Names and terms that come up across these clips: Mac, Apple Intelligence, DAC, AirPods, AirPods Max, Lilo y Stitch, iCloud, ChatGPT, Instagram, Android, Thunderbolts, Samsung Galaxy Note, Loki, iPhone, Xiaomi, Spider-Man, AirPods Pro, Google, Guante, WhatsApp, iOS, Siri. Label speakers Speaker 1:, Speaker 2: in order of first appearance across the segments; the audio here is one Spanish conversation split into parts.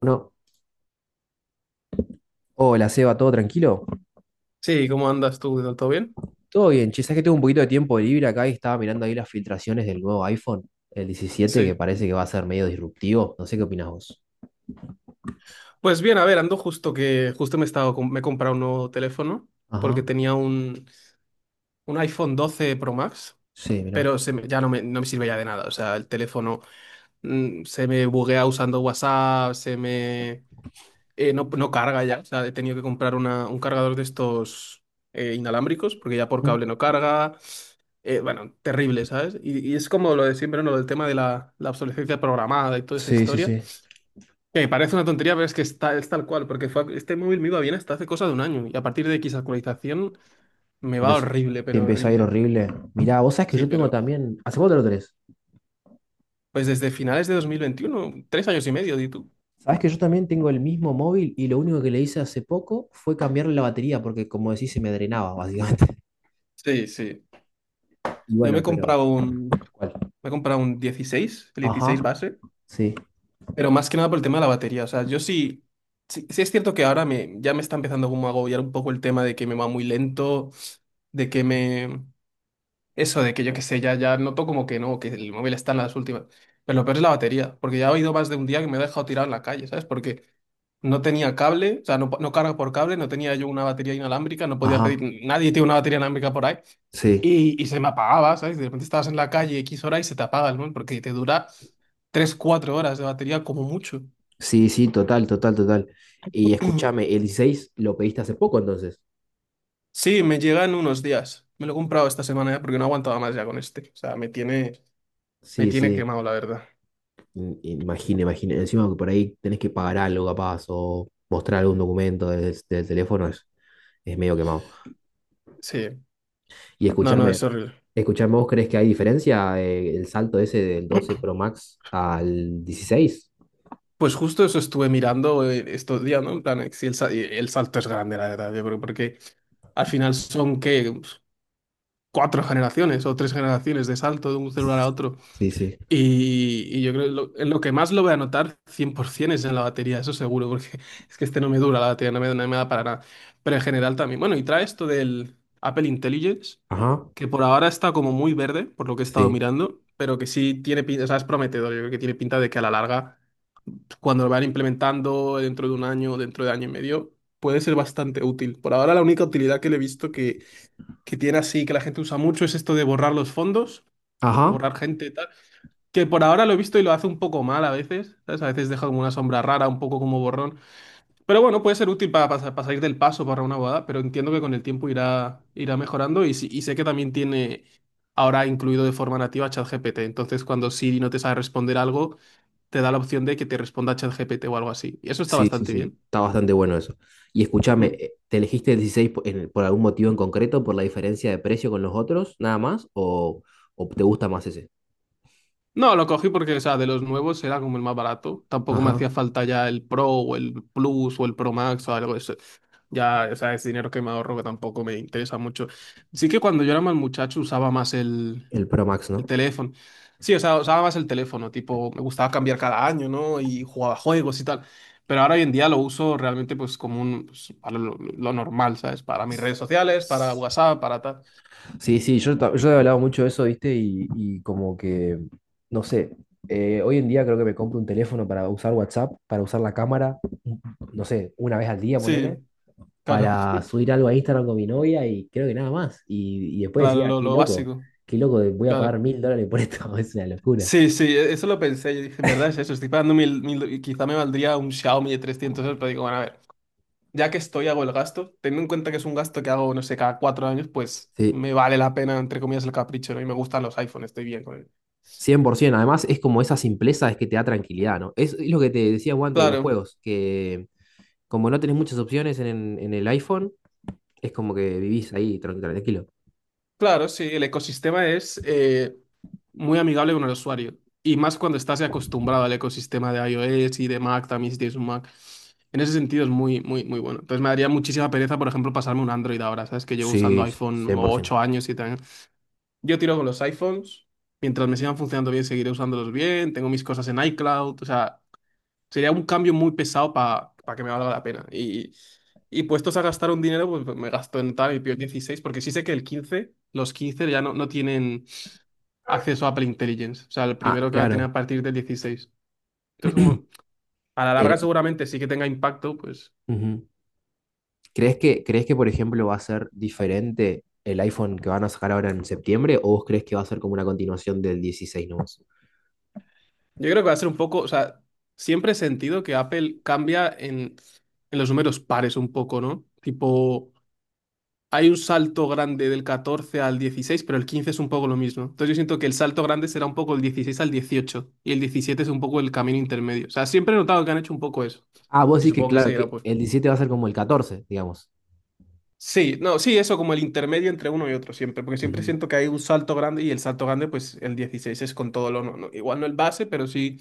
Speaker 1: Bueno, hola Seba, ¿todo tranquilo?
Speaker 2: Sí, ¿cómo andas tú? ¿Todo bien?
Speaker 1: Todo bien, che, sabes que tengo un poquito de tiempo libre acá y estaba mirando ahí las filtraciones del nuevo iPhone, el 17 que
Speaker 2: Sí.
Speaker 1: parece que va a ser medio disruptivo. No sé qué opinás vos.
Speaker 2: Pues bien, a ver, ando justo que justo me he estado me he comprado un nuevo teléfono porque
Speaker 1: Ajá,
Speaker 2: tenía un iPhone 12 Pro Max,
Speaker 1: sí, mirá.
Speaker 2: pero ya no me sirve ya de nada. O sea, el teléfono se me buguea usando WhatsApp, se me no, no carga ya. O sea, he tenido que comprar un cargador de estos inalámbricos porque ya por
Speaker 1: ¿Mm?
Speaker 2: cable no carga. Bueno, terrible, ¿sabes? Y es como lo de siempre, ¿no? Lo del tema de la obsolescencia programada y toda esa
Speaker 1: Sí, sí,
Speaker 2: historia.
Speaker 1: sí.
Speaker 2: Que parece una tontería, pero es que está, es tal cual, porque este móvil me iba bien hasta hace cosa de un año y a partir de X actualización me
Speaker 1: ¿Te
Speaker 2: va
Speaker 1: empezó,
Speaker 2: horrible,
Speaker 1: te
Speaker 2: pero
Speaker 1: empezó a ir
Speaker 2: horrible.
Speaker 1: horrible? Mirá, vos sabés que
Speaker 2: Sí,
Speaker 1: yo tengo
Speaker 2: pero
Speaker 1: también. ¿Hace cuánto lo tenés?
Speaker 2: pues desde finales de 2021, 3 años y medio, di tú.
Speaker 1: Sabés que yo también tengo el mismo móvil y lo único que le hice hace poco fue cambiarle la batería porque, como decís, se me drenaba, básicamente.
Speaker 2: Sí, sí.
Speaker 1: Y
Speaker 2: Yo
Speaker 1: bueno, pero. ¿Cuál?
Speaker 2: me he comprado un 16, el
Speaker 1: Ajá,
Speaker 2: 16 base,
Speaker 1: sí,
Speaker 2: pero más que nada por el tema de la batería. O sea, yo sí, sí, sí es cierto que ahora ya me está empezando como a agobiar un poco el tema de que me va muy lento, de que me, eso de que yo qué sé, ya, ya noto como que no, que el móvil está en las últimas. Pero lo peor es la batería, porque ya he oído más de un día que me he dejado tirado en la calle, ¿sabes? Porque no tenía cable, o sea, no, no carga por cable, no tenía yo una batería inalámbrica, no podía
Speaker 1: ajá,
Speaker 2: pedir, nadie tiene una batería inalámbrica por ahí,
Speaker 1: sí.
Speaker 2: y se me apagaba, ¿sabes? De repente estabas en la calle X hora y se te apaga el móvil, porque te dura tres cuatro horas de batería como mucho.
Speaker 1: Sí, sí, total, total, total. Y escúchame, el 16 lo pediste hace poco entonces.
Speaker 2: Sí, me llega en unos días. Me lo he comprado esta semana ya porque no aguantaba más ya con este. O sea, me
Speaker 1: Sí,
Speaker 2: tiene
Speaker 1: sí.
Speaker 2: quemado, la verdad.
Speaker 1: Imagine, imagine. Encima que por ahí tenés que pagar algo capaz o mostrar algún documento desde el teléfono es medio quemado.
Speaker 2: Sí,
Speaker 1: Y
Speaker 2: no, no,
Speaker 1: escúchame,
Speaker 2: es horrible.
Speaker 1: escúchame, ¿vos crees que hay diferencia el salto ese del 12 Pro Max al dieciséis?
Speaker 2: Pues justo eso estuve mirando estos días, ¿no? En plan, si el, sa- el salto es grande, la verdad, yo creo, porque al final son, ¿qué? Pues, cuatro generaciones o tres generaciones de salto de un celular a otro.
Speaker 1: Sí, sí.
Speaker 2: Y yo creo que en lo que más lo voy a notar 100% es en la batería, eso seguro, porque es que este no me dura la batería, no me da para nada. Pero en general también. Bueno, y trae esto del Apple Intelligence,
Speaker 1: Ajá,
Speaker 2: que por ahora está como muy verde, por lo que he estado
Speaker 1: sí.
Speaker 2: mirando, pero que sí tiene pinta, o sea, es prometedor, yo creo que tiene pinta de que a la larga, cuando lo van implementando, dentro de un año, dentro de año y medio, puede ser bastante útil. Por ahora la única utilidad que le he visto que tiene así, que la gente usa mucho, es esto de borrar los fondos,
Speaker 1: Ajá.
Speaker 2: borrar gente y tal, que por ahora lo he visto y lo hace un poco mal a veces, ¿sabes? A veces deja como una sombra rara, un poco como borrón. Pero bueno, puede ser útil para, para salir del paso para una boda, pero entiendo que con el tiempo irá mejorando y sé que también tiene. Ahora incluido de forma nativa ChatGPT. Entonces, cuando Siri no te sabe responder algo, te da la opción de que te responda ChatGPT o algo así. Y eso está
Speaker 1: Sí, sí,
Speaker 2: bastante
Speaker 1: sí.
Speaker 2: bien.
Speaker 1: Está bastante bueno eso. Y escúchame,
Speaker 2: Mm.
Speaker 1: ¿te elegiste el 16 por algún motivo en concreto, por la diferencia de precio con los otros, nada más? O te gusta más ese?
Speaker 2: No, lo cogí porque, o sea, de los nuevos era como el más barato. Tampoco me
Speaker 1: Ajá,
Speaker 2: hacía falta ya el Pro o el Plus o el Pro Max o algo de eso. Ya, o sea, es dinero que me ahorro que tampoco me interesa mucho. Sí que cuando yo era más muchacho usaba más
Speaker 1: el Pro Max,
Speaker 2: el
Speaker 1: ¿no?
Speaker 2: teléfono. Sí, o sea, usaba más el teléfono, tipo, me gustaba cambiar cada año, ¿no? Y jugaba juegos y tal. Pero ahora hoy en día lo uso realmente pues como un, pues, para lo normal, ¿sabes? Para mis redes sociales, para WhatsApp, para tal.
Speaker 1: Sí, sí, yo he hablado mucho de eso, ¿viste? Y como que, no sé, hoy en día creo que me compro un teléfono para usar WhatsApp, para usar la cámara, no sé, una vez al día,
Speaker 2: Sí.
Speaker 1: ponele.
Speaker 2: Claro,
Speaker 1: Para subir algo a Instagram con mi novia y creo que nada más. Y después
Speaker 2: claro,
Speaker 1: decía,
Speaker 2: lo básico,
Speaker 1: qué loco, voy a pagar
Speaker 2: claro.
Speaker 1: $1000 por esto, es una locura.
Speaker 2: Sí, sí, eso lo pensé, yo dije, en verdad es eso, estoy pagando mil, mil, y quizá me valdría un Xiaomi de 300 euros, pero digo, bueno, a ver, ya que estoy, hago el gasto, teniendo en cuenta que es un gasto que hago, no sé, cada 4 años, pues
Speaker 1: Sí,
Speaker 2: me vale la pena, entre comillas, el capricho, ¿no? Y me gustan los iPhones, estoy bien con él.
Speaker 1: 100%. Además, es como esa simpleza es que te da tranquilidad, ¿no? Es lo que te decía Guante de los
Speaker 2: Claro,
Speaker 1: juegos, que como no tenés muchas opciones en el iPhone, es como que vivís ahí tranquilo.
Speaker 2: Claro, sí, el ecosistema es muy amigable con el usuario y más cuando estás acostumbrado al ecosistema de iOS y de Mac, también si tienes un Mac. En ese sentido es muy, muy, muy bueno. Entonces me daría muchísima pereza, por ejemplo, pasarme un Android ahora, ¿sabes? Que llevo usando
Speaker 1: Sí,
Speaker 2: iPhone
Speaker 1: 100%.
Speaker 2: 8 años, 7 años. Yo tiro con los iPhones, mientras me sigan funcionando bien, seguiré usándolos bien, tengo mis cosas en iCloud. O sea, sería un cambio muy pesado para que me valga la pena. Y puestos a gastar un dinero, pues me gasto en tal y pido el 16, porque sí sé que el 15 los 15 ya no, no tienen acceso a Apple Intelligence. O sea, el
Speaker 1: Ah,
Speaker 2: primero que va a tener
Speaker 1: claro.
Speaker 2: a partir del 16. Entonces, como a la larga
Speaker 1: Quere-
Speaker 2: seguramente sí que tenga impacto, pues
Speaker 1: Ujú. ¿Crees que, por ejemplo, va a ser diferente el iPhone que van a sacar ahora en septiembre o vos crees que va a ser como una continuación del dieciséis nomás?
Speaker 2: yo creo que va a ser un poco, o sea, siempre he sentido que Apple cambia en los números pares un poco, ¿no? Tipo, hay un salto grande del 14 al 16, pero el 15 es un poco lo mismo. Entonces yo siento que el salto grande será un poco el 16 al 18 y el 17 es un poco el camino intermedio. O sea, siempre he notado que han hecho un poco eso.
Speaker 1: Ah, vos
Speaker 2: Y
Speaker 1: decís que,
Speaker 2: supongo que
Speaker 1: claro,
Speaker 2: seguirá
Speaker 1: que
Speaker 2: pues.
Speaker 1: el 17 va a ser como el catorce digamos.
Speaker 2: Sí, no, sí, eso como el intermedio entre uno y otro siempre, porque siempre
Speaker 1: Ujú.
Speaker 2: siento que hay un salto grande y el salto grande pues el 16 es con todo lo no, igual no el base, pero sí,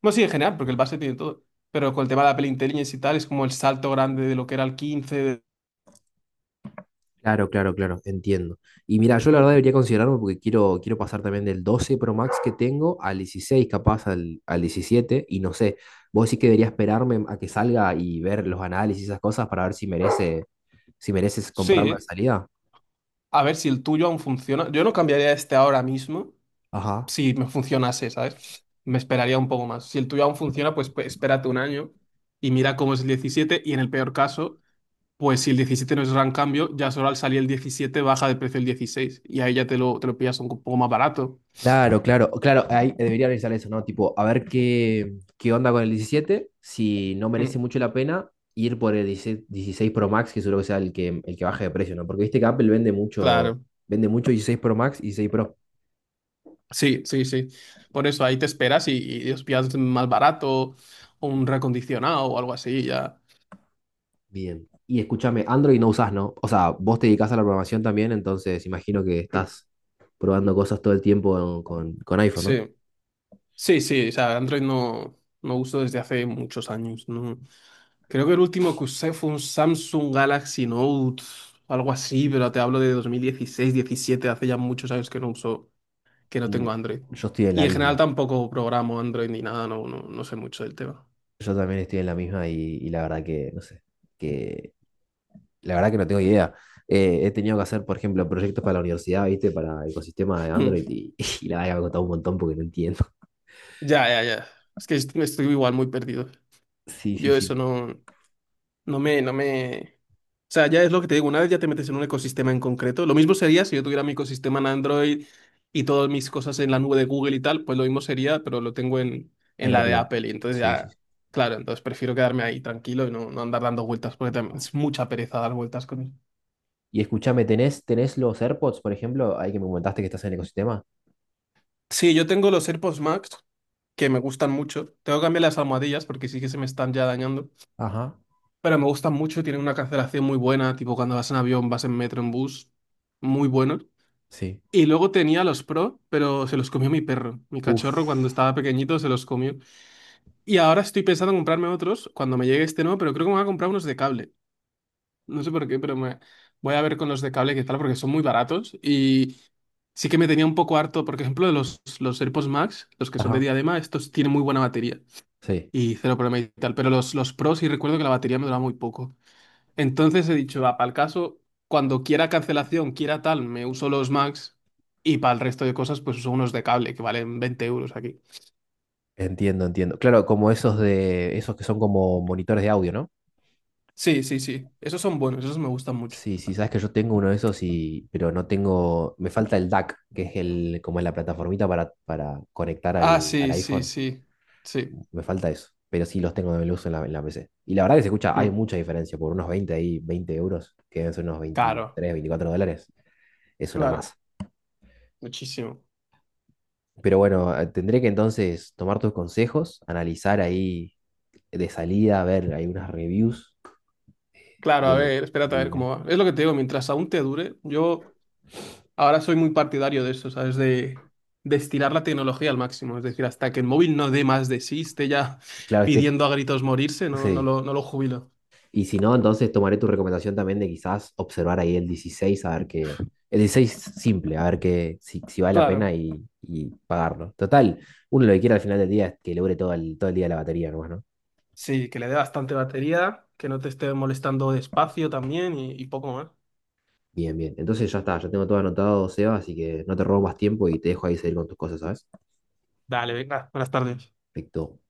Speaker 2: no sí en general, porque el base tiene todo, pero con el tema de la peli Intelligence y tal es como el salto grande de lo que era el 15 .
Speaker 1: Claro, claro, claro, entiendo. Y mira, yo la verdad
Speaker 2: Mm.
Speaker 1: debería considerarlo porque quiero, quiero pasar también del 12 Pro Max que tengo al 16 capaz al, al 17 y no sé, vos sí que debería esperarme a que salga y ver los análisis y esas cosas para ver si merece, si mereces comprarlo de
Speaker 2: Sí.
Speaker 1: salida.
Speaker 2: A ver si el tuyo aún funciona. Yo no cambiaría este ahora mismo
Speaker 1: Ajá.
Speaker 2: si me funcionase, ¿sabes? Me esperaría un poco más. Si el tuyo aún funciona, pues espérate un año y mira cómo es el 17. Y en el peor caso, pues si el 17 no es gran cambio, ya solo al salir el 17 baja de precio el 16 y ahí ya te lo pillas un poco más barato.
Speaker 1: Claro, claro, claro, ahí debería analizar eso, ¿no? Tipo, a ver qué, qué onda con el 17. Si no merece
Speaker 2: Mm,
Speaker 1: mucho la pena ir por el 16 16 Pro Max, que seguro que sea el que baje de precio, ¿no? Porque viste que Apple
Speaker 2: claro,
Speaker 1: vende mucho dieciséis Pro Max y 16 Pro.
Speaker 2: sí, sí, sí. Por eso ahí te esperas y los pillas más barato o un recondicionado o algo así, ya.
Speaker 1: Bien. Y escúchame, Android no usás, ¿no? O sea, vos te dedicás a la programación también, entonces imagino que
Speaker 2: Mm,
Speaker 1: estás probando cosas todo el tiempo con iPhone, ¿no?
Speaker 2: sí. Sí, sí, o sea, Android no, no uso desde hace muchos años, ¿no? Creo que el último que usé fue un Samsung Galaxy Note, algo así, pero te hablo de 2016, 17, hace ya muchos años que no uso, que no
Speaker 1: Mm,
Speaker 2: tengo Android.
Speaker 1: yo estoy en
Speaker 2: Y
Speaker 1: la
Speaker 2: en general
Speaker 1: misma.
Speaker 2: tampoco programo Android ni nada, no, no, no sé mucho del tema.
Speaker 1: Yo también estoy en la misma y la verdad que, no sé, que la verdad que no tengo idea. He tenido que hacer, por ejemplo, proyectos para la universidad, ¿viste? Para el ecosistema de Android
Speaker 2: Hmm.
Speaker 1: y, y la verdad que me ha costado un montón porque no entiendo.
Speaker 2: Ya, ya, ya. Es que estoy igual muy perdido.
Speaker 1: Sí, sí,
Speaker 2: Yo eso
Speaker 1: sí.
Speaker 2: no, no me, no me, o sea, ya es lo que te digo, una vez ya te metes en un ecosistema en concreto, lo mismo sería si yo tuviera mi ecosistema en Android y todas mis cosas en la nube de Google y tal, pues lo mismo sería, pero lo tengo en
Speaker 1: En
Speaker 2: la de
Speaker 1: iCloud.
Speaker 2: Apple y entonces
Speaker 1: Sí, sí,
Speaker 2: ya,
Speaker 1: sí.
Speaker 2: claro, entonces prefiero quedarme ahí tranquilo y no, no andar dando vueltas porque también es mucha pereza dar vueltas con eso.
Speaker 1: Y escúchame, ¿tenés, tenés los AirPods, por ejemplo? Ahí que me comentaste que estás en el ecosistema.
Speaker 2: Sí, yo tengo los AirPods Max que me gustan mucho. Tengo que cambiar las almohadillas porque sí que se me están ya dañando,
Speaker 1: Ajá.
Speaker 2: pero me gustan mucho, tienen una cancelación muy buena, tipo cuando vas en avión, vas en metro, en bus, muy buenos.
Speaker 1: Sí.
Speaker 2: Y luego tenía los Pro, pero se los comió mi perro. Mi cachorro cuando
Speaker 1: Uf,
Speaker 2: estaba pequeñito se los comió. Y ahora estoy pensando en comprarme otros cuando me llegue este nuevo, pero creo que me voy a comprar unos de cable. No sé por qué, pero me voy a ver con los de cable qué tal, porque son muy baratos. Y sí que me tenía un poco harto, por ejemplo, de los AirPods Max, los que son de
Speaker 1: ajá.
Speaker 2: diadema, estos tienen muy buena batería
Speaker 1: Sí,
Speaker 2: y cero problema y tal. Pero los Pro sí recuerdo que la batería me duraba muy poco. Entonces he dicho, va, para el caso, cuando quiera cancelación, quiera tal, me uso los Max y para el resto de cosas, pues uso unos de cable que valen 20 euros aquí.
Speaker 1: entiendo, entiendo. Claro, como esos de, esos que son como monitores de audio, ¿no?
Speaker 2: Sí, sí, sí. Esos son buenos, esos me gustan mucho.
Speaker 1: Sí, sí, sí, sí. Sabes que yo tengo uno de esos y, pero no tengo, me falta el DAC, que es el, como es la plataformita para conectar
Speaker 2: Ah,
Speaker 1: al, al
Speaker 2: sí, sí,
Speaker 1: iPhone.
Speaker 2: sí. Sí.
Speaker 1: Me falta eso. Pero sí los tengo de luz en la PC. Y la verdad que se escucha, hay
Speaker 2: Mm,
Speaker 1: mucha diferencia. Por unos 20 ahí, 20 euros, que deben ser unos
Speaker 2: Claro,
Speaker 1: 23 24 dólares, es una masa.
Speaker 2: claro, muchísimo.
Speaker 1: Pero bueno, tendré que entonces tomar tus consejos, analizar ahí de salida, ver, hay unas reviews
Speaker 2: Claro, a
Speaker 1: de,
Speaker 2: ver, espérate a ver
Speaker 1: de-
Speaker 2: cómo va. Es lo que te digo, mientras aún te dure, yo ahora soy muy partidario de eso, ¿sabes? De estirar la tecnología al máximo. Es decir, hasta que el móvil no dé más de sí, esté ya
Speaker 1: claro, este,
Speaker 2: pidiendo a gritos morirse, no,
Speaker 1: sí,
Speaker 2: no lo jubilo.
Speaker 1: y si no, entonces tomaré tu recomendación también de quizás observar ahí el 16, a ver qué. El 16 simple, a ver qué, si, si vale la pena
Speaker 2: Claro,
Speaker 1: y pagarlo. Total, uno lo que quiere al final del día es que logre todo el día la batería nomás, ¿no?
Speaker 2: sí, que le dé bastante batería, que no te esté molestando despacio también y poco más.
Speaker 1: Bien, bien. Entonces ya está, ya tengo todo anotado, Seba, así que no te robo más tiempo y te dejo ahí seguir con tus cosas, ¿sabes?
Speaker 2: Dale, venga, buenas tardes.
Speaker 1: Perfecto.